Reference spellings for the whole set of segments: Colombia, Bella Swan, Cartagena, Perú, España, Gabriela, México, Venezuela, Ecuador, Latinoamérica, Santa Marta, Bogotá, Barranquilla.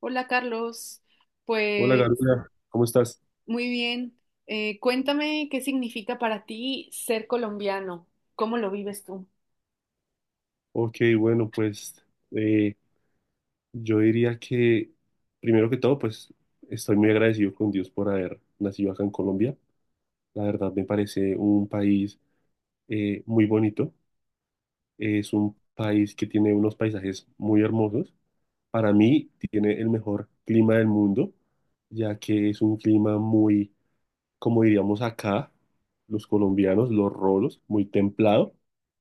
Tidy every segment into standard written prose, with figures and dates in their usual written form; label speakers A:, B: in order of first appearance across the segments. A: Hola Carlos,
B: Hola
A: pues
B: Gabriela, ¿cómo estás?
A: muy bien. Cuéntame qué significa para ti ser colombiano, cómo lo vives tú.
B: Ok, bueno, pues eh, yo diría que primero que todo, pues estoy muy agradecido con Dios por haber nacido acá en Colombia. La verdad me parece un país muy bonito. Es un país que tiene unos paisajes muy hermosos. Para mí tiene el mejor clima del mundo, ya que es un clima muy, como diríamos acá los colombianos, los rolos, muy templado,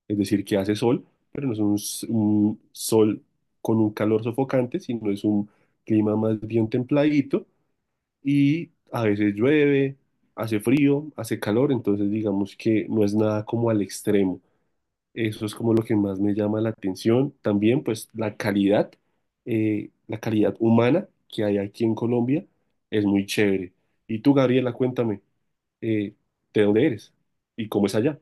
B: es decir, que hace sol, pero no es un, un sol con un calor sofocante, sino es un clima más bien templadito. Y a veces llueve, hace frío, hace calor, entonces digamos que no es nada como al extremo. Eso es como lo que más me llama la atención. También pues la calidad humana que hay aquí en Colombia es muy chévere. Y tú, Gabriela, cuéntame eh, de dónde eres y cómo es allá.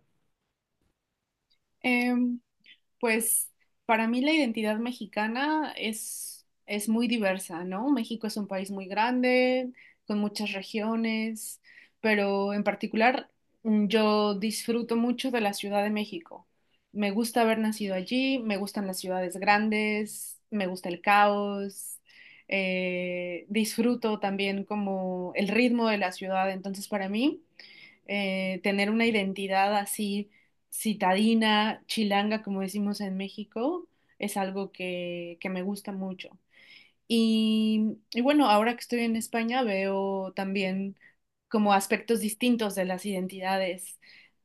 A: Pues para mí la identidad mexicana es muy diversa, ¿no? México es un país muy grande, con muchas regiones, pero en particular yo disfruto mucho de la Ciudad de México. Me gusta haber nacido allí, me gustan las ciudades grandes, me gusta el caos, disfruto también como el ritmo de la ciudad, entonces para mí tener una identidad así citadina, chilanga, como decimos en México, es algo que me gusta mucho. Y bueno, ahora que estoy en España veo también como aspectos distintos de las identidades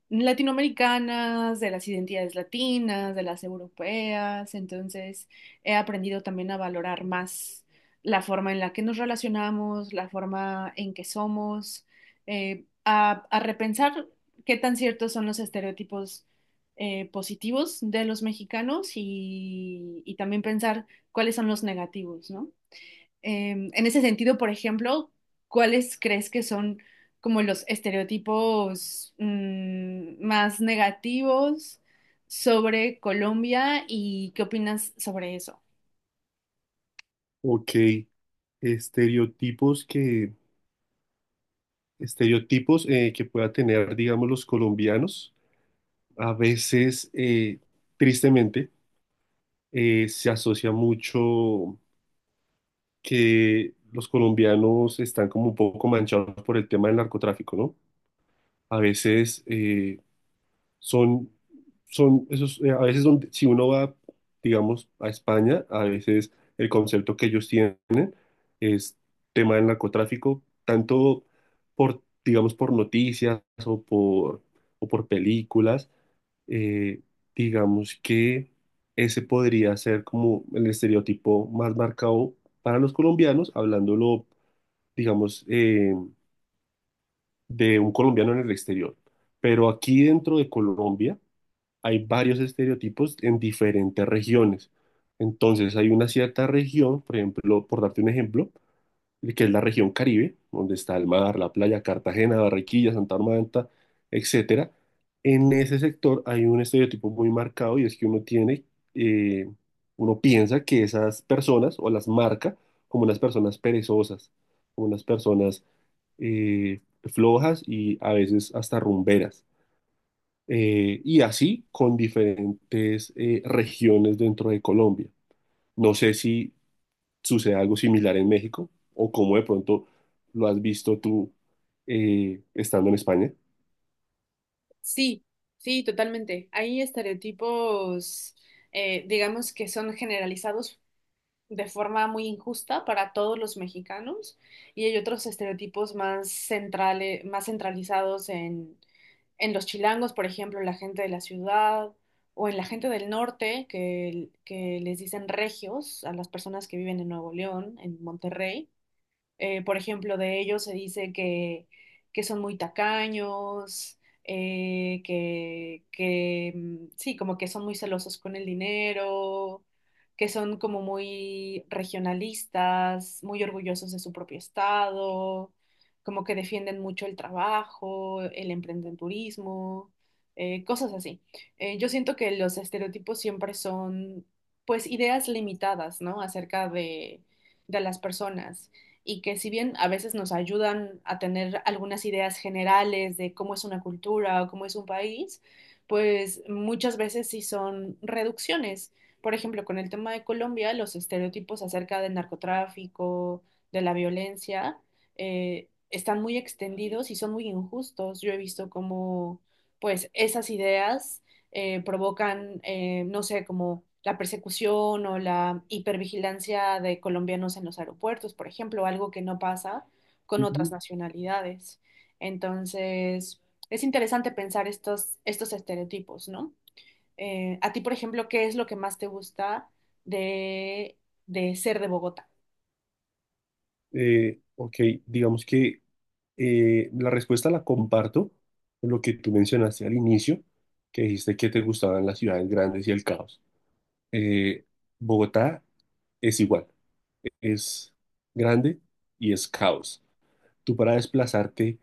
A: latinoamericanas, de las identidades latinas, de las europeas. Entonces, he aprendido también a valorar más la forma en la que nos relacionamos, la forma en que somos, a repensar qué tan ciertos son los estereotipos positivos de los mexicanos y también pensar cuáles son los negativos, ¿no? En ese sentido, por ejemplo, ¿cuáles crees que son como los estereotipos más negativos sobre Colombia y qué opinas sobre eso?
B: Ok, estereotipos que, estereotipos que pueda tener, digamos, los colombianos, a veces, tristemente, se asocia mucho que los colombianos están como un poco manchados por el tema del narcotráfico, ¿no? A veces, son, son esos, a veces donde, si uno va, digamos, a España, a veces el concepto que ellos tienen es tema del narcotráfico, tanto por, digamos, por noticias o por películas. eh, digamos que ese podría ser como el estereotipo más marcado para los colombianos, hablándolo, digamos, de un colombiano en el exterior. Pero aquí dentro de Colombia, hay varios estereotipos en diferentes regiones. Entonces, hay una cierta región, por ejemplo, por darte un ejemplo, que es la región Caribe, donde está el mar, la playa, Cartagena, Barranquilla, Santa Marta, etcétera. En ese sector hay un estereotipo muy marcado, y es que eh, uno piensa que esas personas, o las marca como unas personas perezosas, como unas personas flojas y a veces hasta rumberas, y así con diferentes regiones dentro de Colombia. No sé si sucede algo similar en México o cómo de pronto lo has visto tú estando en España.
A: Sí, sí, totalmente. Hay estereotipos, digamos, que son generalizados de forma muy injusta para todos los mexicanos y hay otros estereotipos más centrales, más centralizados en los chilangos, por ejemplo, en la gente de la ciudad o en la gente del norte que les dicen regios a las personas que viven en Nuevo León, en Monterrey. Por ejemplo, de ellos se dice que son muy tacaños, sí, como que son muy celosos con el dinero, que son como muy regionalistas, muy orgullosos de su propio estado, como que defienden mucho el trabajo, el emprendedurismo, cosas así. Yo siento que los estereotipos siempre son, pues, ideas limitadas, ¿no? Acerca de las personas y que si bien a veces nos ayudan a tener algunas ideas generales de cómo es una cultura o cómo es un país, pues muchas veces sí son reducciones. Por ejemplo, con el tema de Colombia, los estereotipos acerca del narcotráfico, de la violencia, están muy extendidos y son muy injustos. Yo he visto cómo, pues, esas ideas provocan, no sé, como la persecución o la hipervigilancia de colombianos en los aeropuertos, por ejemplo, algo que no pasa con otras
B: Ujú.
A: nacionalidades. Entonces, es interesante pensar estos estereotipos, ¿no? A ti, por ejemplo, ¿qué es lo que más te gusta de, de ser de Bogotá?
B: Ok, digamos que la respuesta la comparto con lo que tú mencionaste al inicio, que dijiste que te gustaban las ciudades grandes y el caos. Eh, Bogotá es igual, es grande y es caos. Tú para desplazarte,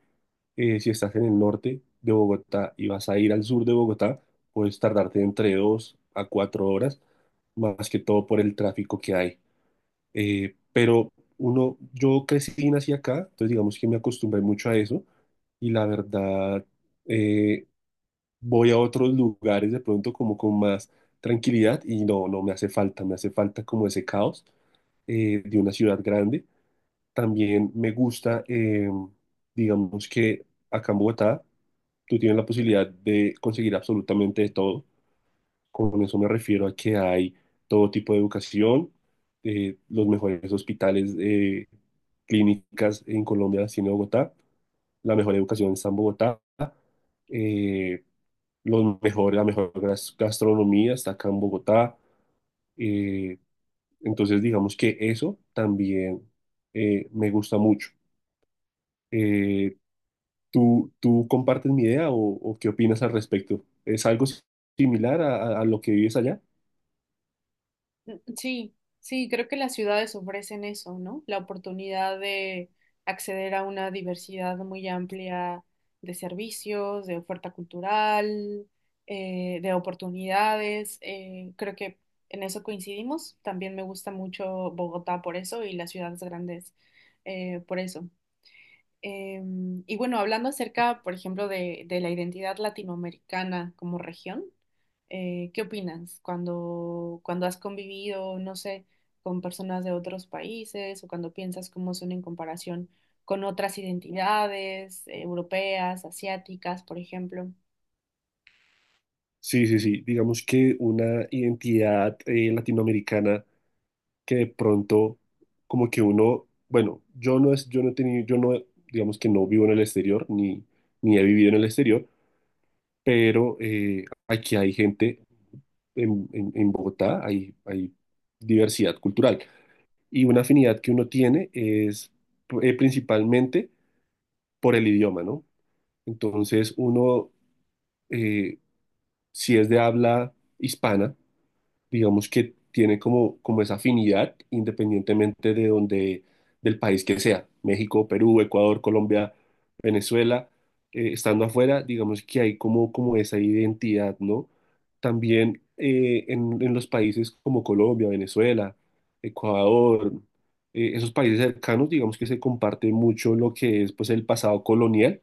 B: si estás en el norte de Bogotá y vas a ir al sur de Bogotá, puedes tardarte entre dos a cuatro horas, más que todo por el tráfico que hay. Pero uno, yo crecí y nací acá, entonces digamos que me acostumbré mucho a eso. Y la verdad, eh, voy a otros lugares de pronto como con más tranquilidad, y no, no me hace falta, me hace falta como ese caos de una ciudad grande. También me gusta, digamos que acá en Bogotá tú tienes la posibilidad de conseguir absolutamente de todo. Con eso me refiero a que hay todo tipo de educación, los mejores hospitales, clínicas en Colombia las tiene Bogotá, la mejor educación está en Bogotá, eh, los mejores, la mejor gastronomía está acá en Bogotá. Eh, entonces digamos que eso también me gusta mucho. Eh, ¿tú compartes mi idea, o qué opinas al respecto? ¿Es algo similar a, a lo que vives allá?
A: Sí, sí, creo que las ciudades ofrecen eso, ¿no? La oportunidad de acceder a una diversidad muy amplia de servicios, de oferta cultural, de oportunidades. Creo que en eso coincidimos. También me gusta mucho Bogotá por eso y las ciudades grandes por eso. Y bueno, hablando acerca, por ejemplo, de la identidad latinoamericana como región, ¿qué opinas cuando has convivido, no sé, con personas de otros países o cuando piensas cómo son en comparación con otras identidades, europeas, asiáticas, por ejemplo?
B: Sí, sí, sí. Digamos que una identidad latinoamericana que de pronto, como que uno, bueno, yo no es, yo no he tenido, yo no, digamos, que no vivo en el exterior, ni, ni he vivido en el exterior, pero aquí hay gente en Bogotá, hay diversidad cultural. Y una afinidad que uno tiene es principalmente por el idioma, ¿no? Entonces, uno, eh, si es de habla hispana, digamos que tiene como esa afinidad, independientemente de donde, del país que sea, México, Perú, Ecuador, Colombia, Venezuela, estando afuera, digamos que hay como esa identidad, ¿no? También, en los países como Colombia, Venezuela, Ecuador, esos países cercanos, digamos que se comparte mucho lo que es, pues, el pasado colonial,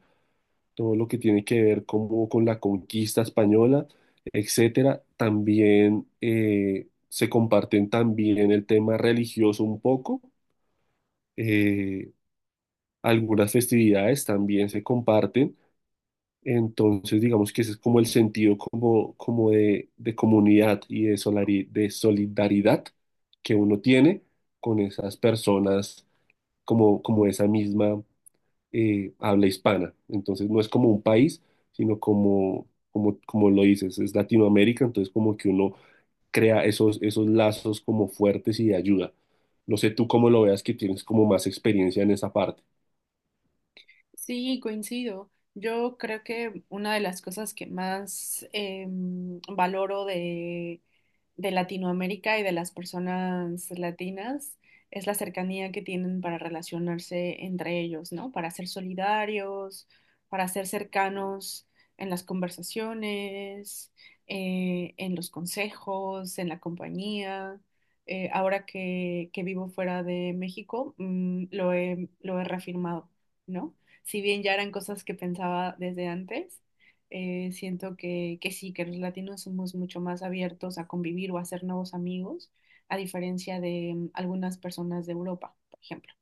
B: todo lo que tiene que ver como con la conquista española, etcétera. También, se comparten también el tema religioso un poco, eh, algunas festividades también se comparten. Entonces, digamos que ese es como el sentido como de, comunidad y de solidaridad que uno tiene con esas personas, como esa misma habla hispana. Entonces no es como un país, sino como lo dices, es Latinoamérica, entonces como que uno crea esos lazos como fuertes y de ayuda. No sé tú cómo lo veas, que tienes como más experiencia en esa parte.
A: Sí, coincido. Yo creo que una de las cosas que más valoro de Latinoamérica y de las personas latinas es la cercanía que tienen para relacionarse entre ellos, ¿no? Para ser solidarios, para ser cercanos en las conversaciones, en los consejos, en la compañía. Ahora que vivo fuera de México, lo he reafirmado, ¿no? Si bien ya eran cosas que pensaba desde antes, siento que sí, que los latinos somos mucho más abiertos a convivir o a hacer nuevos amigos, a diferencia de algunas personas de Europa, por ejemplo.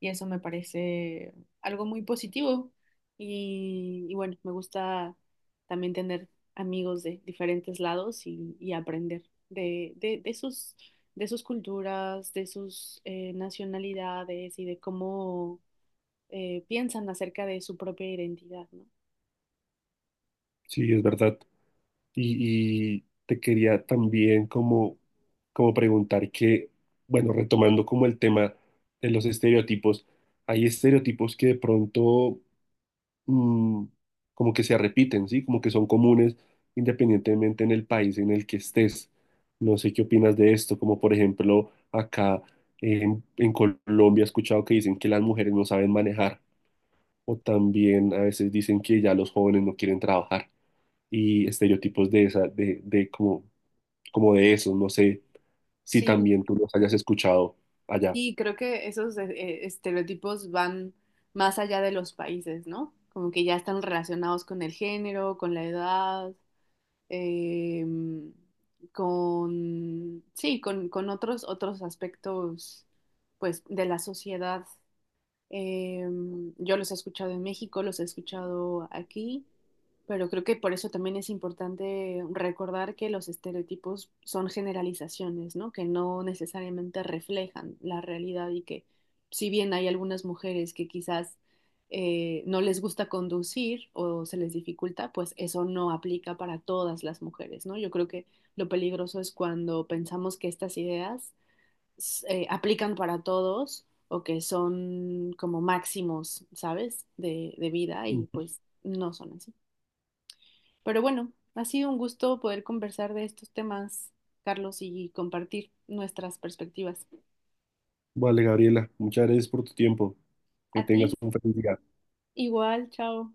A: Y eso me parece algo muy positivo. Y bueno, me gusta también tener amigos de diferentes lados y aprender de sus culturas, de sus nacionalidades y de cómo piensan acerca de su propia identidad, ¿no?
B: Sí, es verdad. Y te quería también como preguntar que, bueno, retomando como el tema de los estereotipos, hay estereotipos que de pronto, mm, como que se repiten, ¿sí? Como que son comunes independientemente en el país en el que estés. No sé qué opinas de esto, como por ejemplo acá en Colombia he escuchado que dicen que las mujeres no saben manejar, o también a veces dicen que ya los jóvenes no quieren trabajar, y estereotipos de esa, de como, de esos. No sé si
A: Sí,
B: también tú los hayas escuchado allá.
A: sí, creo que esos estereotipos van más allá de los países, ¿no? Como que ya están relacionados con el género, con la edad, em, sí, con otros, otros aspectos, pues, de la sociedad. Yo los he escuchado en México, los he escuchado aquí, pero creo que por eso también es importante recordar que los estereotipos son generalizaciones, ¿no? Que no necesariamente reflejan la realidad y que si bien hay algunas mujeres que quizás no les gusta conducir o se les dificulta, pues eso no aplica para todas las mujeres, ¿no? Yo creo que lo peligroso es cuando pensamos que estas ideas aplican para todos o que son como máximos, ¿sabes? De vida y
B: Ujú.
A: pues no son así. Pero bueno, ha sido un gusto poder conversar de estos temas, Carlos, y compartir nuestras perspectivas.
B: Vale, Gabriela, muchas gracias por tu tiempo.
A: A
B: Que
A: ti,
B: tengas un feliz día.
A: igual, chao.